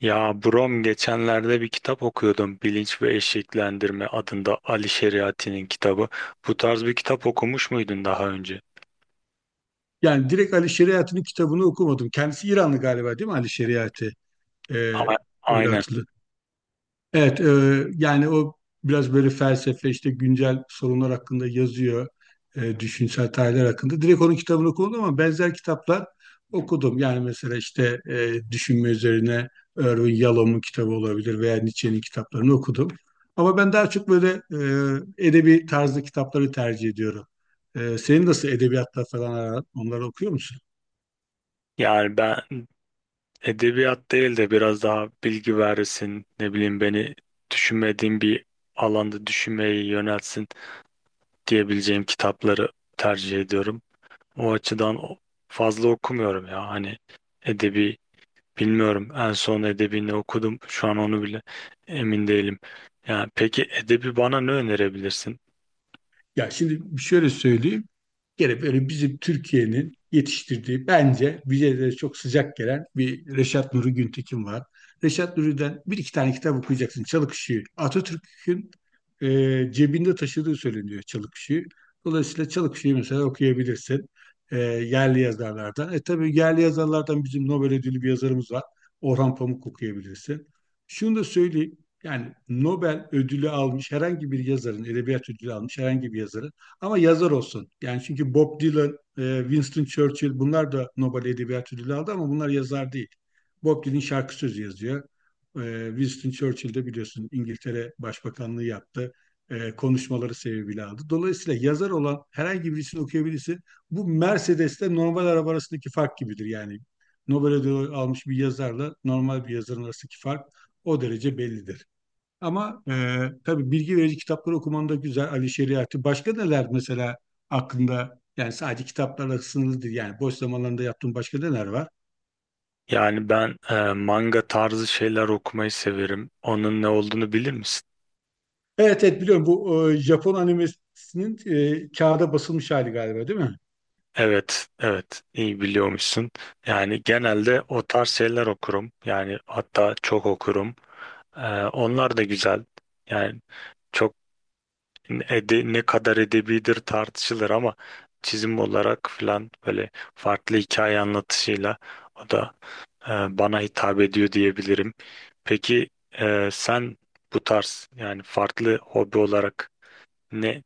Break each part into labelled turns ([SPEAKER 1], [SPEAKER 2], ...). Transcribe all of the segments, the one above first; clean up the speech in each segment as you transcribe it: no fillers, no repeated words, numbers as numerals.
[SPEAKER 1] Ya Brom geçenlerde bir kitap okuyordum. Bilinç ve Eşiklendirme adında Ali Şeriati'nin kitabı. Bu tarz bir kitap okumuş muydun daha önce?
[SPEAKER 2] Yani direkt Ali Şeriat'ın kitabını okumadım. Kendisi İranlı galiba değil mi Ali Şeriat'ı? Ee,
[SPEAKER 1] A-
[SPEAKER 2] öyle
[SPEAKER 1] Aynen.
[SPEAKER 2] hatırlı. Evet, yani o biraz böyle felsefe işte güncel sorunlar hakkında yazıyor. Düşünsel tarihler hakkında. Direkt onun kitabını okudum ama benzer kitaplar okudum. Yani mesela işte düşünme üzerine Erwin Yalom'un kitabı olabilir veya Nietzsche'nin kitaplarını okudum. Ama ben daha çok böyle edebi tarzı kitapları tercih ediyorum. Senin nasıl edebiyatla falan aran? Onları okuyor musun?
[SPEAKER 1] Yani ben edebiyat değil de biraz daha bilgi verirsin, ne bileyim beni düşünmediğim bir alanda düşünmeyi yöneltsin diyebileceğim kitapları tercih ediyorum. O açıdan fazla okumuyorum ya. Hani edebi. Bilmiyorum. En son edebi ne okudum? Şu an onu bile emin değilim. Yani peki edebi bana ne önerebilirsin?
[SPEAKER 2] Ya şimdi şöyle söyleyeyim. Gene böyle bizim Türkiye'nin yetiştirdiği bence bize de çok sıcak gelen bir Reşat Nuri Güntekin var. Reşat Nuri'den bir iki tane kitap okuyacaksın. Çalık Işığı. Atatürk'ün e, cebinde taşıdığı söyleniyor Çalık Işığı. Dolayısıyla Çalık Işığı mesela okuyabilirsin. Yerli yazarlardan. E tabii yerli yazarlardan bizim Nobel ödüllü bir yazarımız var. Orhan Pamuk okuyabilirsin. Şunu da söyleyeyim. Yani Nobel ödülü almış herhangi bir yazarın, edebiyat ödülü almış herhangi bir yazarın ama yazar olsun. Yani çünkü Bob Dylan, Winston Churchill bunlar da Nobel Edebiyat Ödülü aldı ama bunlar yazar değil. Bob Dylan şarkı sözü yazıyor. Winston Churchill de biliyorsun İngiltere Başbakanlığı yaptı. Konuşmaları sebebiyle aldı. Dolayısıyla yazar olan herhangi birisini okuyabilirsin. Bu Mercedes'te normal araba arasındaki fark gibidir yani. Nobel ödülü almış bir yazarla normal bir yazarın arasındaki fark o derece bellidir. Ama tabii bilgi verici kitapları okuman da güzel. Ali Şeriatı. Başka neler mesela aklında? Yani sadece kitaplarla sınırlı değil. Yani boş zamanlarında yaptığın başka neler var?
[SPEAKER 1] Yani ben manga tarzı şeyler okumayı severim. Onun ne olduğunu bilir misin?
[SPEAKER 2] Evet evet biliyorum, bu Japon animesinin kağıda basılmış hali galiba değil mi?
[SPEAKER 1] Evet, evet. iyi biliyormuşsun. Yani genelde o tarz şeyler okurum. Yani hatta çok okurum. E, onlar da güzel. Yani çok ne kadar edebidir tartışılır ama çizim olarak filan böyle farklı hikaye anlatışıyla o da e, bana hitap ediyor diyebilirim. Peki sen bu tarz yani farklı hobi olarak ne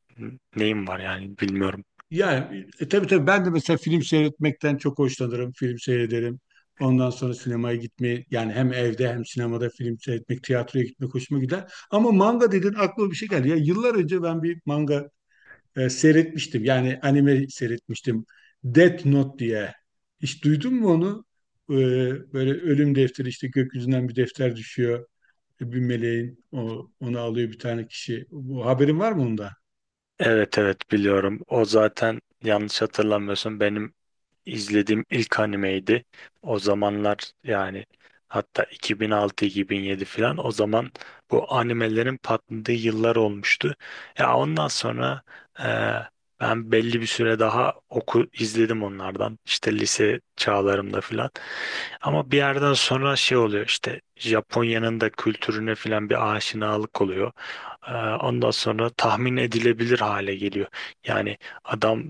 [SPEAKER 1] neyin var yani bilmiyorum.
[SPEAKER 2] Yani tabii tabii ben de mesela film seyretmekten çok hoşlanırım. Film seyrederim. Ondan sonra sinemaya gitmeyi, yani hem evde hem sinemada film seyretmek, tiyatroya gitmek hoşuma gider. Ama manga dedin aklıma bir şey geldi. Ya yıllar önce ben bir manga seyretmiştim. Yani anime seyretmiştim. Death Note diye. Hiç duydun mu onu? E, Böyle ölüm defteri işte gökyüzünden bir defter düşüyor. Bir meleğin onu alıyor bir tane kişi. Bu haberin var mı onda?
[SPEAKER 1] Evet, evet, biliyorum. O zaten, yanlış hatırlamıyorsun, benim izlediğim ilk animeydi. O zamanlar yani hatta 2006-2007 falan, o zaman bu animelerin patladığı yıllar olmuştu. Ya ondan sonra e, ben belli bir süre daha oku izledim onlardan. İşte lise çağlarımda falan. Ama bir yerden sonra şey oluyor, işte Japonya'nın da kültürüne falan bir aşinalık oluyor. E, ondan sonra tahmin edilebilir hale geliyor. Yani adam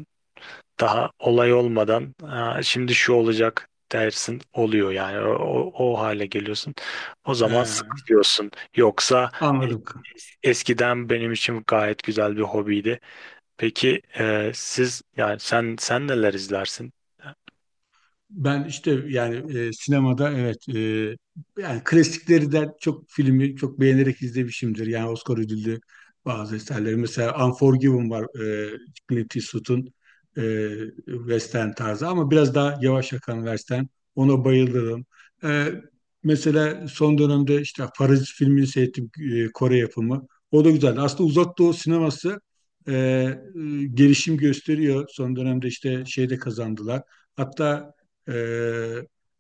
[SPEAKER 1] daha olay olmadan "Aa, şimdi şu olacak" dersin, oluyor yani o hale geliyorsun. O zaman
[SPEAKER 2] He,
[SPEAKER 1] sıkılıyorsun. Yoksa e,
[SPEAKER 2] anladım.
[SPEAKER 1] eskiden benim için gayet güzel bir hobiydi. Peki siz, yani sen neler izlersin
[SPEAKER 2] Ben işte yani sinemada, evet, yani klasiklerden çok filmi çok beğenerek izlemişimdir. Yani Oscar ödüllü bazı eserleri. Mesela Unforgiven var, Clint Eastwood'un e, Western tarzı ama biraz daha yavaş akan Western. Ona bayılırım. E, Mesela son dönemde işte Parazit filmini seyrettim, Kore yapımı. O da güzeldi. Aslında Uzak Doğu sineması e, e, gelişim gösteriyor. Son dönemde işte şeyde kazandılar. Hatta ee,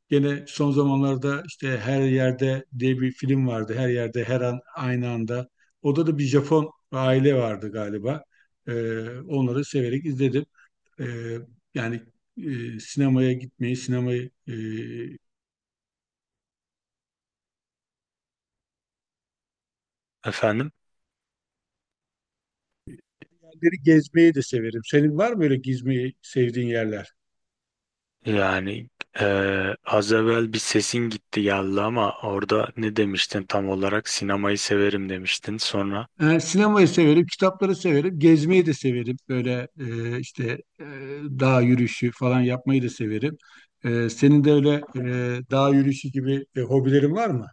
[SPEAKER 2] gene son zamanlarda işte Her Yerde diye bir film vardı. Her Yerde Her An Aynı Anda. Orada da bir Japon aile vardı galiba. Ee, Onları severek izledim. Ee, Yani sinemaya gitmeyi, sinemayı, yerleri
[SPEAKER 1] efendim?
[SPEAKER 2] gezmeyi de severim. Senin var mı böyle gezmeyi sevdiğin yerler?
[SPEAKER 1] Yani e, az evvel bir sesin gitti geldi ama orada ne demiştin tam olarak? Sinemayı severim demiştin. Sonra,
[SPEAKER 2] E, sinemayı severim, kitapları severim, gezmeyi de severim. Böyle işte e, dağ yürüyüşü falan yapmayı da severim. Senin de öyle dağ yürüyüşü gibi hobilerin var mı?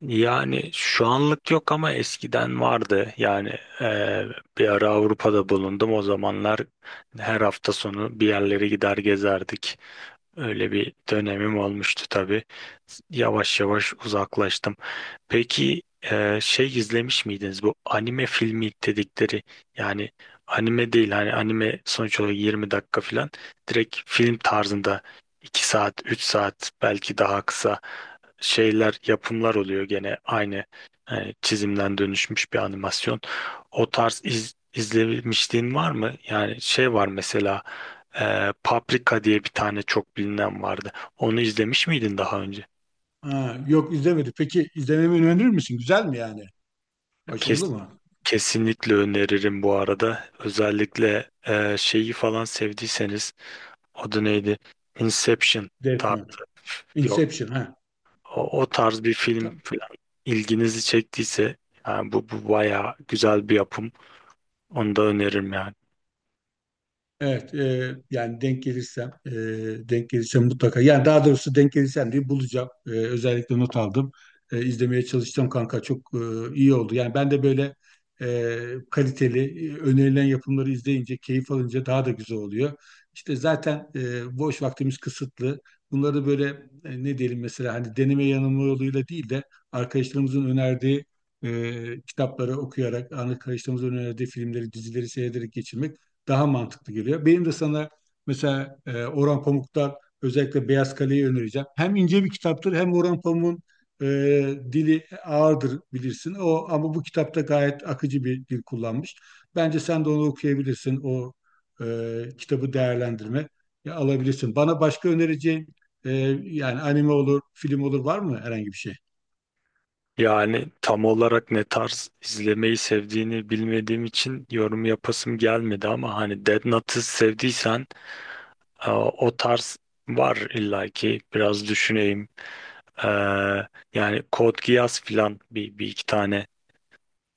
[SPEAKER 1] yani şu anlık yok ama eskiden vardı. Yani e, bir ara Avrupa'da bulundum. O zamanlar her hafta sonu bir yerlere gider gezerdik. Öyle bir dönemim olmuştu tabii. Yavaş yavaş uzaklaştım. Peki şey izlemiş miydiniz, bu anime filmi dedikleri? Yani anime değil, hani anime sonuç olarak 20 dakika falan, direkt film tarzında 2 saat 3 saat belki daha kısa şeyler, yapımlar oluyor gene aynı, yani çizimden dönüşmüş bir animasyon. O tarz izlemişliğin var mı? Yani şey var mesela, Paprika diye bir tane çok bilinen vardı. Onu izlemiş miydin daha önce?
[SPEAKER 2] Ha, yok izlemedim. Peki izlememi önerir misin? Güzel mi yani? Başarılı
[SPEAKER 1] Kes,
[SPEAKER 2] mı?
[SPEAKER 1] Kesinlikle öneririm bu arada. Özellikle şeyi falan sevdiyseniz, adı neydi? Inception.
[SPEAKER 2] Death
[SPEAKER 1] Ta,
[SPEAKER 2] Note.
[SPEAKER 1] Yok.
[SPEAKER 2] Inception ha.
[SPEAKER 1] O tarz bir film
[SPEAKER 2] Tamam.
[SPEAKER 1] falan ilginizi çektiyse, yani bu bayağı güzel bir yapım. Onu da öneririm yani.
[SPEAKER 2] Evet, yani denk gelirsem, denk gelirsem mutlaka. Yani daha doğrusu denk gelirsem diye bulacağım. E, özellikle not aldım. E, izlemeye çalışacağım kanka. Çok iyi oldu. Yani ben de böyle e, kaliteli, önerilen yapımları izleyince, keyif alınca daha da güzel oluyor. İşte zaten boş vaktimiz kısıtlı. Bunları böyle, ne diyelim, mesela hani deneme yanılma yoluyla değil de arkadaşlarımızın önerdiği kitapları okuyarak, arkadaşlarımızın önerdiği filmleri, dizileri seyrederek geçirmek daha mantıklı geliyor. Benim de sana mesela Orhan Pamuk'tan özellikle Beyaz Kale'yi önereceğim. Hem ince bir kitaptır, hem Orhan Pamuk'un e, dili ağırdır bilirsin. O ama bu kitapta gayet akıcı bir dil kullanmış. Bence sen de onu okuyabilirsin. O e, kitabı değerlendirme, ya, alabilirsin. Bana başka önereceğin e, yani anime olur, film olur, var mı herhangi bir şey?
[SPEAKER 1] Yani tam olarak ne tarz izlemeyi sevdiğini bilmediğim için yorum yapasım gelmedi ama hani Dead Note'ı sevdiysen... O tarz var illaki, biraz düşüneyim. Ee, yani Code Geass filan, bir iki tane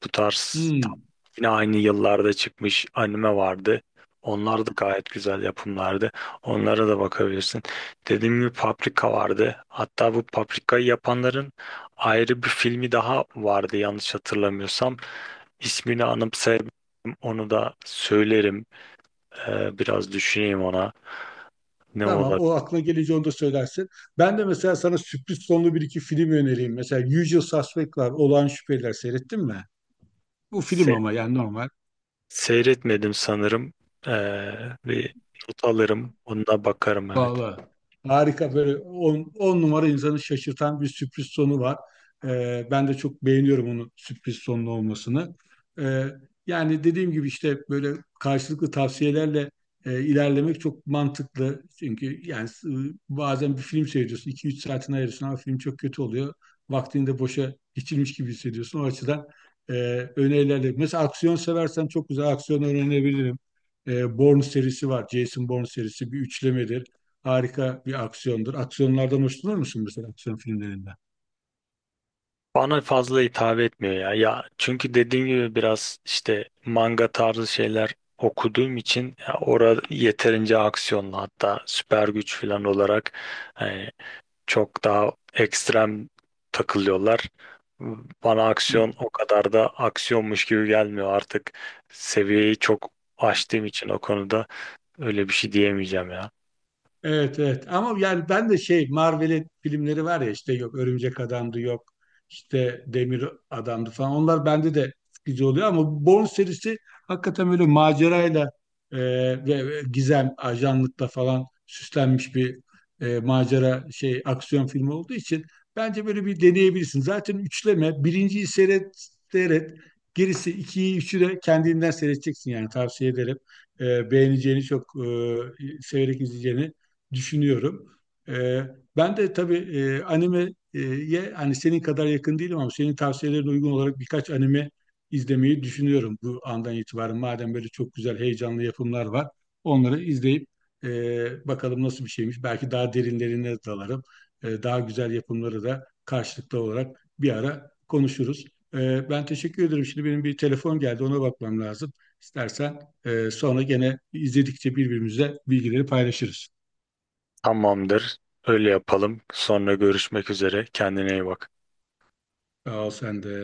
[SPEAKER 1] bu tarz tam,
[SPEAKER 2] Hmm.
[SPEAKER 1] yine aynı yıllarda çıkmış anime vardı. Onlar da gayet güzel yapımlardı. Onlara da bakabilirsin. Dediğim gibi Paprika vardı. Hatta bu Paprika'yı yapanların ayrı bir filmi daha vardı, yanlış hatırlamıyorsam. İsmini anımsayabilirim. Onu da söylerim. Biraz düşüneyim ona. Ne
[SPEAKER 2] Tamam,
[SPEAKER 1] olabilir?
[SPEAKER 2] o aklına gelince onu da söylersin. Ben de mesela sana sürpriz sonlu bir iki film önereyim. Mesela Usual Suspect var. Olağan Şüpheliler seyrettin mi? Bu film ama yani normal.
[SPEAKER 1] Seyretmedim sanırım. Ee, bir not alırım. Onunla bakarım, evet.
[SPEAKER 2] Vallahi harika, böyle on on numara insanı şaşırtan bir sürpriz sonu var. Ben de çok beğeniyorum onun sürpriz sonlu olmasını. Ee, Yani dediğim gibi işte böyle karşılıklı tavsiyelerle ilerlemek çok mantıklı. Çünkü yani bazen bir film seyrediyorsun, iki üç saatini ayırıyorsun ama film çok kötü oluyor. Vaktini de boşa geçirmiş gibi hissediyorsun. O açıdan e, önerilerle. Mesela aksiyon seversen çok güzel aksiyon önerebilirim. E, Bourne serisi var. Jason Bourne serisi bir üçlemedir, harika bir aksiyondur. Aksiyonlardan hoşlanır mısın, mesela aksiyon filmlerinden?
[SPEAKER 1] Bana fazla hitap etmiyor ya. Ya çünkü dediğim gibi biraz işte manga tarzı şeyler okuduğum için, ya orada yeterince aksiyonlu, hatta süper güç falan olarak e, çok daha ekstrem takılıyorlar. Bana
[SPEAKER 2] Hı.
[SPEAKER 1] aksiyon o kadar da aksiyonmuş gibi gelmiyor artık. Seviyeyi çok aştığım için o konuda öyle bir şey diyemeyeceğim ya.
[SPEAKER 2] Evet evet, ama yani ben de şey Marvel'in filmleri var ya, işte yok Örümcek Adam'dı, yok işte Demir Adam'dı falan, onlar bende de sıkıcı oluyor ama Bourne serisi hakikaten böyle macerayla e, ve gizem ajanlıkla falan süslenmiş bir macera şey aksiyon filmi olduğu için bence böyle bir deneyebilirsin. Zaten üçleme, birinciyi seyret gerisi, ikiyi üçü de kendinden seyredeceksin, yani tavsiye ederim. Beğeneceğini, çok severek izleyeceğini düşünüyorum. E, Ben de tabii animeye hani senin kadar yakın değilim ama senin tavsiyelerine uygun olarak birkaç anime izlemeyi düşünüyorum bu andan itibaren. Madem böyle çok güzel, heyecanlı yapımlar var, onları izleyip bakalım nasıl bir şeymiş. Belki daha derinlerine dalarım. E, daha güzel yapımları da karşılıklı olarak bir ara konuşuruz. E, ben teşekkür ederim. Şimdi benim bir telefon geldi, ona bakmam lazım. İstersen sonra gene izledikçe birbirimize bilgileri paylaşırız.
[SPEAKER 1] Tamamdır. Öyle yapalım. Sonra görüşmek üzere. Kendine iyi bak.
[SPEAKER 2] Sağ ol, sen de.